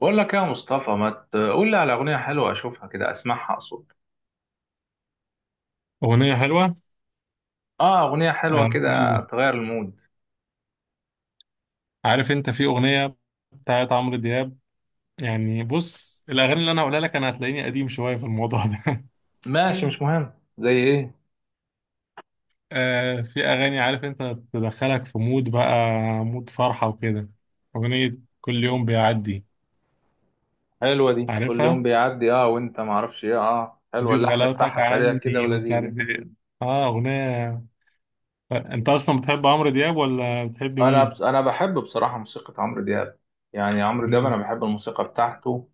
بقول لك يا مصطفى، ما تقول لي على أغنية حلوة أشوفها كده أسمعها أقصد. أغنية حلوة. آه أغنية حلوة آه، كده تغير المود. عارف أنت في أغنية بتاعت عمرو دياب. يعني بص، الأغاني اللي أنا هقولها لك أنا هتلاقيني قديم شوية في الموضوع ده. ماشي مش مهم، زي إيه؟ آه، في أغاني عارف أنت تدخلك في مود بقى، مود فرحة وكده. أغنية كل يوم بيعدي. حلوة دي كل يوم عارفها؟ بيعدي، آه وأنت معرفش إيه، آه حلوة زيد اللحن غلاوتك بتاعها سريع عني كده ومش ولذيذة. عارف إيه. أغنية. أنت أصلا بتحب عمرو دياب ولا بتحب أنا بس مين؟ أنا بحب بصراحة موسيقى عمرو دياب، يعني عمرو دياب مم. أنا بحب الموسيقى بتاعته.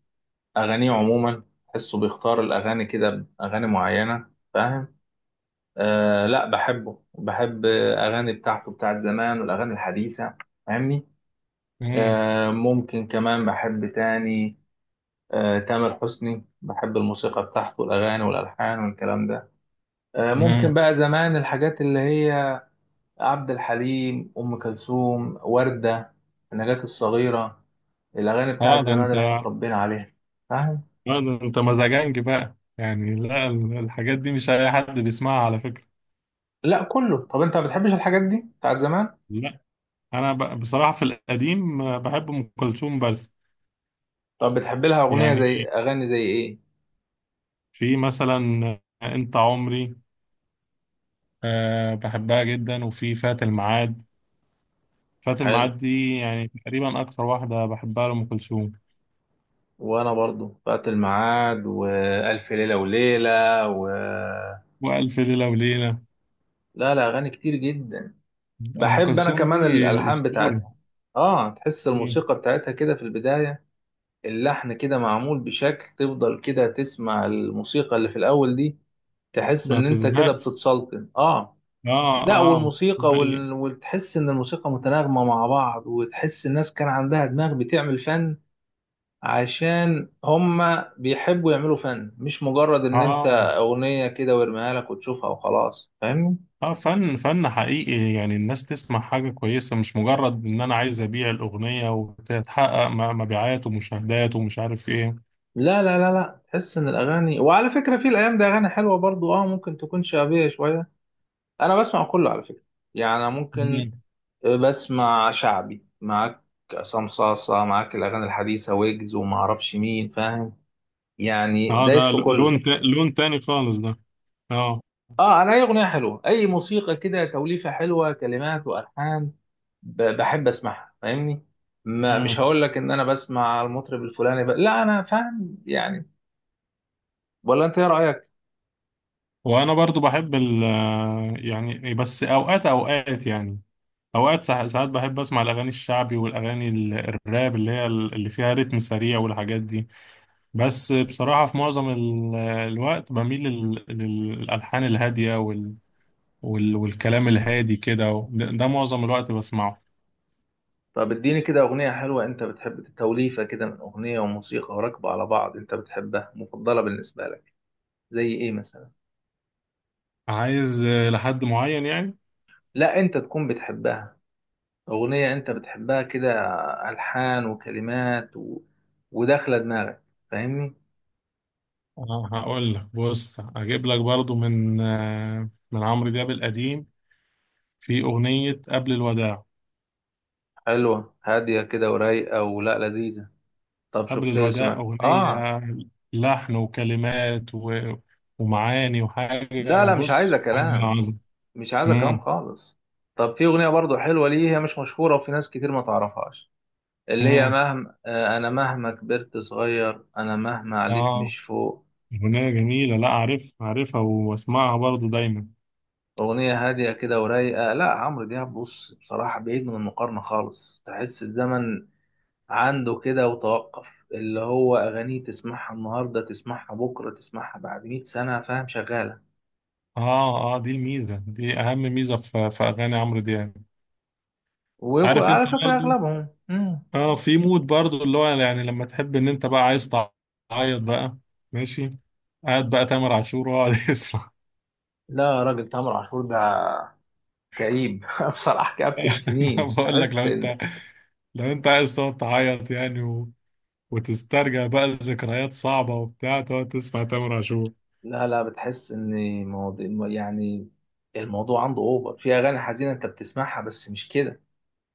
أغانيه عموما تحسه بيختار الأغاني كده، أغاني معينة فاهم. آه لا بحبه، بحب أغاني بتاعته بتاعت زمان والأغاني الحديثة. فاهمني. مم. ممكن كمان بحب تاني. تامر حسني بحب الموسيقى بتاعته والأغاني والألحان والكلام ده. ممكن مم. بقى زمان الحاجات اللي هي عبد الحليم، أم كلثوم، وردة، نجاة الصغيرة، الأغاني بتاعت آه ده زمان أنت اللي احنا اتربينا عليها. فاهم؟ لا، ده انت مزاجنج بقى يعني. لا، الحاجات دي مش اي حد بيسمعها على فكرة. لا كله. طب أنت ما بتحبش الحاجات دي بتاعت زمان؟ لا، انا بصراحة في القديم بحب ام كلثوم بس. طب بتحب لها أغنية، يعني زي أغاني زي إيه؟ في مثلا انت عمري، بحبها جدا، وفي فات الميعاد. فات حلو، الميعاد دي يعني تقريبا اكتر واحدة بحبها لام كلثوم. وأنا برضو فات الميعاد وألف ليلة وليلة و... والف ليلة وليلة. لا لا أغاني كتير جدا، ام بحب انا كلثوم دي كمان الالحان اسطورة. بتاعتها. اه تحس الموسيقى بتاعتها كده في البدايه، اللحن كده معمول بشكل تفضل كده تسمع الموسيقى اللي في الاول دي، تحس ما ان انت كده تزهقش. بتتسلطن. اه اه لا اه دي والموسيقى حقيقة. وال... وتحس ان الموسيقى متناغمه مع بعض، وتحس الناس كان عندها دماغ بتعمل فن، عشان هما بيحبوا يعملوا فن، مش مجرد ان انت اه اغنيه كده ويرميها لك وتشوفها وخلاص. فاهمني. اه فن فن حقيقي، يعني الناس تسمع حاجة كويسة، مش مجرد ان انا عايز ابيع الاغنية وتتحقق مبيعات ومشاهدات ومش عارف ايه. لا تحس ان الاغاني، وعلى فكره في الايام دي اغاني حلوه برضو، اه ممكن تكون شعبيه شويه. انا بسمع كله على فكره، يعني أنا ممكن، مم. بسمع شعبي معاك، عصام صاصه معاك، الاغاني الحديثه ويجز وما اعرفش مين، فاهم؟ يعني اه ده دايس في ل- لون كله. تا- لون تاني خالص ده. اه. اه انا اي اغنيه حلوه اي موسيقى كده، توليفه حلوه كلمات والحان، بحب اسمعها فاهمني. ما مش مم. هقول لك ان انا بسمع المطرب الفلاني ب... لا انا فاهم يعني. ولا انت ايه رايك؟ وانا برضو بحب يعني، بس اوقات اوقات يعني، اوقات ساعات بحب اسمع الاغاني الشعبي والاغاني الراب اللي هي اللي فيها رتم سريع والحاجات دي. بس بصراحة في معظم الوقت بميل للالحان الهادية والكلام الهادي كده ده معظم الوقت بسمعه. طب اديني كده أغنية حلوة، أنت بتحب توليفة كده من أغنية وموسيقى وراكبة على بعض، أنت بتحبها مفضلة بالنسبة لك. زي إيه مثلا؟ عايز لحد معين يعني. لا أنت تكون بتحبها، أغنية أنت بتحبها كده، ألحان وكلمات و... وداخلة دماغك. فاهمني؟ هقول لك بص، اجيب لك برضو من من عمرو دياب القديم، في أغنية قبل الوداع. حلوة هادية كده ورايقة ولا لذيذة؟ طب قبل شفت الوداع سمع آه. أغنية لحن وكلمات ومعاني، لا وحاجة لا مش عايزة بص حاجة كلام، عظمة. مش عايزة كلام مم. خالص. طب في أغنية برضو حلوة، ليه هي مش مشهورة وفي ناس كتير ما تعرفهاش؟ اللي هي مم. مهما، أنا مهما كبرت صغير، أنا مهما عليت اه مش فوق. أغنية جميلة، لا، أعرفها وأسمعها برضو دايما. أغنية هادية كده ورايقة. لا عمرو دياب بص بصراحة بعيد من المقارنة خالص، تحس الزمن عنده كده وتوقف، اللي هو أغانيه تسمعها النهاردة تسمعها بكرة تسمعها بعد 100 سنة، فاهم شغالة. اه اه دي الميزة، دي أهم ميزة في أغاني عمرو دياب. ويكون عارف انت على فكرة برضو؟ أغلبهم مم. اه في مود برضو اللي هو يعني، لما تحب ان انت بقى عايز تعيط بقى، ماشي، قاعد بقى تامر عاشور واقعد يسمع. لا يا راجل تامر عاشور ده كئيب بصراحة كآبة السنين بقول لك، لو تحس. انت لو انت عايز تقعد تعيط يعني وتسترجع بقى ذكريات صعبة وبتاع، تقعد تسمع تامر عاشور. لا لا بتحس ان، مواضيع يعني، الموضوع عنده اوفر في اغاني حزينه انت بتسمعها، بس مش كده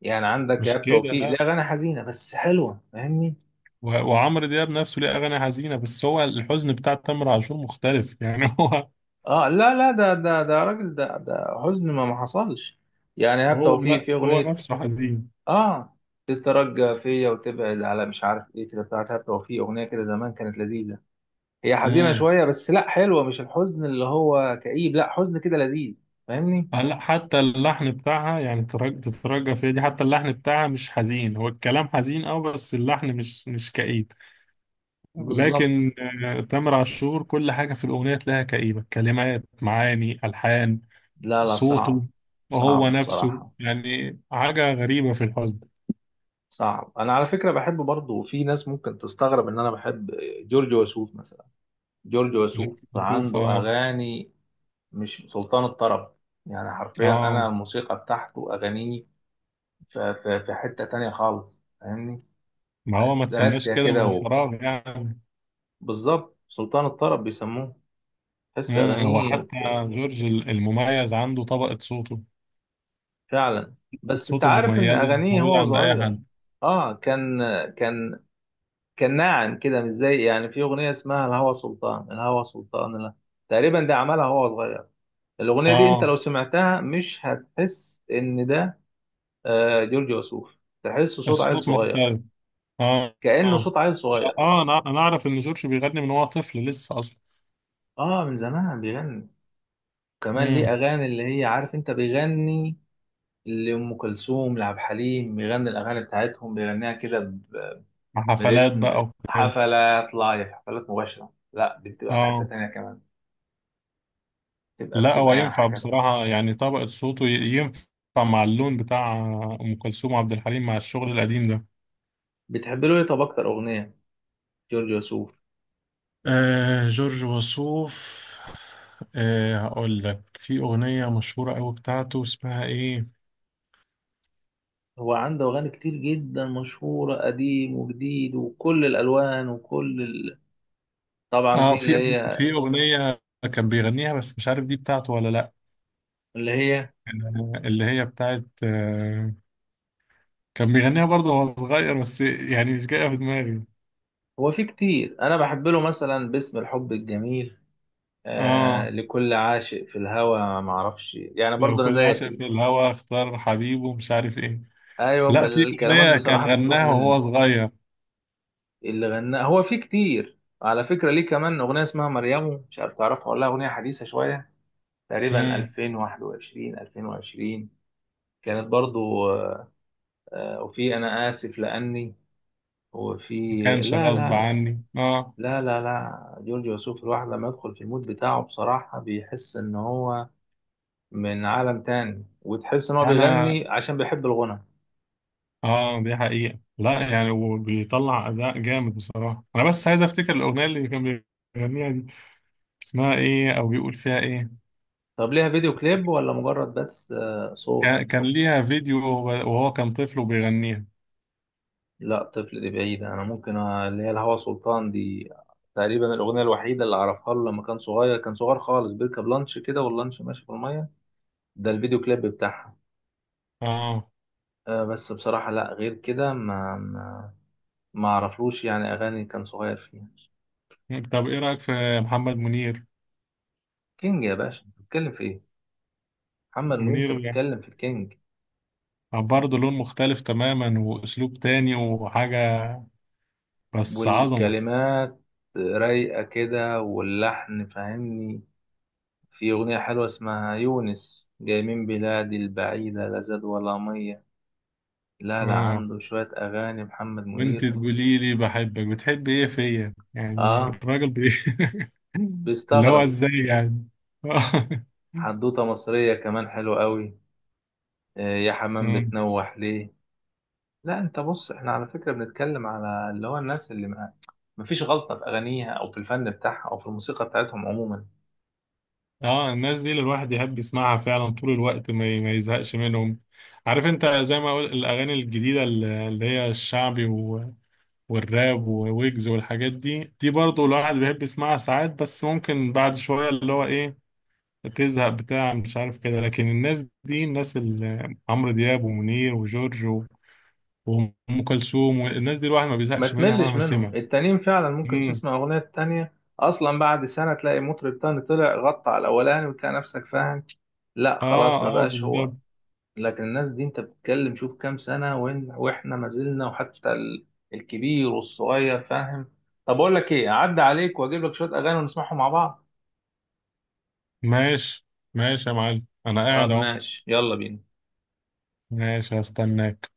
يعني. عندك مش ايهاب كده، توفيق ليه لا. اغاني حزينه بس حلوه، فاهمني. وعمرو دياب نفسه ليه أغاني حزينة، بس هو الحزن بتاع تامر عاشور مختلف يعني. هو اه لا لا ده راجل، ده حزن ما حصلش. يعني ايهاب هو توفيق ن... في هو اغنيه، نفسه حزين. اه تترجى فيا وتبعد على مش عارف ايه كده، بتاعت ايهاب توفيق اغنيه كده زمان كانت لذيذه، هي حزينه مم. شويه بس لا حلوه، مش الحزن اللي هو كئيب، لا حزن كده لذيذ. فاهمني. هلا، حتى اللحن بتاعها يعني تترجى فيها دي، حتى اللحن بتاعها مش حزين، هو الكلام حزين اه، بس اللحن مش كئيب. بالظبط. لكن آه، تامر عاشور كل حاجة في الأغنية تلاقيها كئيبة، كلمات معاني ألحان لا لا صوته، صعب، وهو صعب نفسه بصراحه. يعني حاجة غريبة في الحزن. صعب. انا على فكره بحب برضه، في ناس ممكن تستغرب ان انا بحب جورج وسوف مثلا. جورج مش وسوف بتشوف؟ عنده اه. اغاني، مش سلطان الطرب يعني حرفيا. انا اه الموسيقى بتاعته اغانيه في حته تانية خالص، فاهمني. ما هو ما تسماش راسية كده كده من و... فراغ يعني. بالظبط سلطان الطرب بيسموه، تحس هو اغانيه حتى ف- جورج المميز عنده طبقة صوته. فعلا. بس انت صوته عارف ان مميزة مش اغانيه موجودة هو عند أي صغير. حد. اه كان كان ناعم كده، مش زي يعني، في اغنيه اسمها الهوى سلطان، الهوى سلطان لا. تقريبا ده عملها وهو صغير، الاغنيه دي انت اه لو سمعتها مش هتحس ان ده جورج وسوف، تحسه صوت عيل الصوت صغير، مختلف. اه. كانه اه صوت عيل صغير. اه انا اعرف ان جورج بيغني من وهو طفل لسه اصلا. اه من زمان بيغني، كمان ليه امم. اغاني اللي هي عارف انت بيغني لام كلثوم لعبد الحليم، بيغني الاغاني بتاعتهم بيغنيها كده ب- حفلات برتم. بقى وكده. حفلات لايف، حفلات مباشره لا بتبقى في حته اه. تانيه كمان، بتبقى لا هو بتبقى يعني ينفع حاجه. بصراحة يعني، طبقة صوته ينفع مع اللون بتاع ام كلثوم وعبد الحليم، مع الشغل القديم ده. بتحب له ايه، طب اكتر اغنيه جورج وسوف؟ آه جورج وسوف. آه هقول لك في اغنية مشهورة قوي بتاعته اسمها ايه. هو عنده أغاني كتير جدا مشهورة، قديم وجديد وكل الألوان وكل ال... طبعا اه في اللي في هي، في اغنية كان بيغنيها بس مش عارف دي بتاعته ولا لا. اللي هي، آه، اللي هي بتاعت، كان بيغنيها برضه وهو صغير بس يعني مش جاية في دماغي. هو في كتير أنا بحب له مثلا باسم الحب الجميل، اه آه لكل عاشق في الهوى، معرفش يعني لو برضه أنا كل زيك عاشق ال-، في الهوى اختار حبيبه مش عارف ايه. أيوة ب- لا، في الكلمات أغنية كان بصراحة بتتوه غناها مني. وهو صغير. اللي غناه هو في كتير على فكرة، ليه كمان أغنية اسمها مريم، مش عارف تعرفها ولا لأ، أغنية حديثة شوية، تقريبا امم. 2021 2020، كانت برضو، وفي انا اسف لاني، وفي... ما كانش لا غصب لا لا عني اه. لا جورج وسوف الواحد لما يدخل في المود بتاعه بصراحة بيحس ان هو من عالم تاني، وتحس ان هو انا بيغني عشان بيحب الغنى. اه دي حقيقة، لا يعني، وبيطلع أداء جامد بصراحة. أنا بس عايز أفتكر الأغنية اللي كان بيغنيها دي اسمها إيه أو بيقول فيها إيه. طب ليها فيديو كليب ولا مجرد بس صوت؟ كان ليها فيديو وهو كان طفل وبيغنيها. لا طفل دي بعيدة، انا ممكن اللي هي الهوى سلطان دي، تقريبا الأغنية الوحيدة اللي أعرفها له لما كان صغير، كان صغير خالص بيركب لانش كده واللانش ماشي في المية، ده الفيديو كليب بتاعها. اه. بس بصراحة لا غير كده ما ما اعرفلوش يعني اغاني كان صغير فيها. طب إيه رأيك في محمد منير؟ كينج يا باشا، انت بتتكلم في ايه؟ محمد نجوم، انت منير بتتكلم في الكينج. برضه لون مختلف تماما واسلوب تاني وحاجة، بس عظمة. والكلمات رايقه كده واللحن، فاهمني. في اغنيه حلوه اسمها يونس، جاي من بلادي البعيده لا زاد ولا ميه. لا لا اه عنده شويه اغاني محمد وانت منير. تقولي لي بحبك بتحب ايه فيا، يعني اه الراجل اللي هو بيستغرب. ازاي يعني. حدوته مصريه كمان حلوه قوي، آه يا حمام مم. بتنوح ليه. لا انت بص احنا على فكرة بنتكلم على اللي هو الناس اللي ما، مفيش غلطة في اغانيها او في الفن بتاعها او في الموسيقى بتاعتهم عموما. اه الناس دي اللي الواحد يحب يسمعها فعلا طول الوقت ما يزهقش منهم. عارف انت، زي ما اقول، الاغاني الجديده اللي هي الشعبي والراب وويجز والحاجات دي برضه الواحد بيحب يسمعها ساعات بس ممكن بعد شويه اللي هو ايه، تزهق بتاع مش عارف كده. لكن الناس دي، الناس اللي عمرو دياب ومنير وجورج وأم كلثوم والناس دي، الواحد ما ما بيزهقش منها تملش مهما منهم، سمع. التانيين فعلا ممكن امم. تسمع اغنية التانية اصلا بعد سنة تلاقي مطرب تاني طلع غطى على الاولاني، وتلاقي نفسك فاهم لا اه خلاص ما اه بقاش هو. بالظبط. لكن الناس دي انت بتتكلم شوف كام سنة، وإن واحنا ما زلنا، وحتى ال- الكبير والصغير، فاهم. طب اقول لك ايه، اعدي عليك واجيب لك شوية اغاني ونسمعهم مع بعض. ماشي، ماشي يا معلم انا قاعد طب اهو. ماشي يلا بينا. ماشي، هستناك.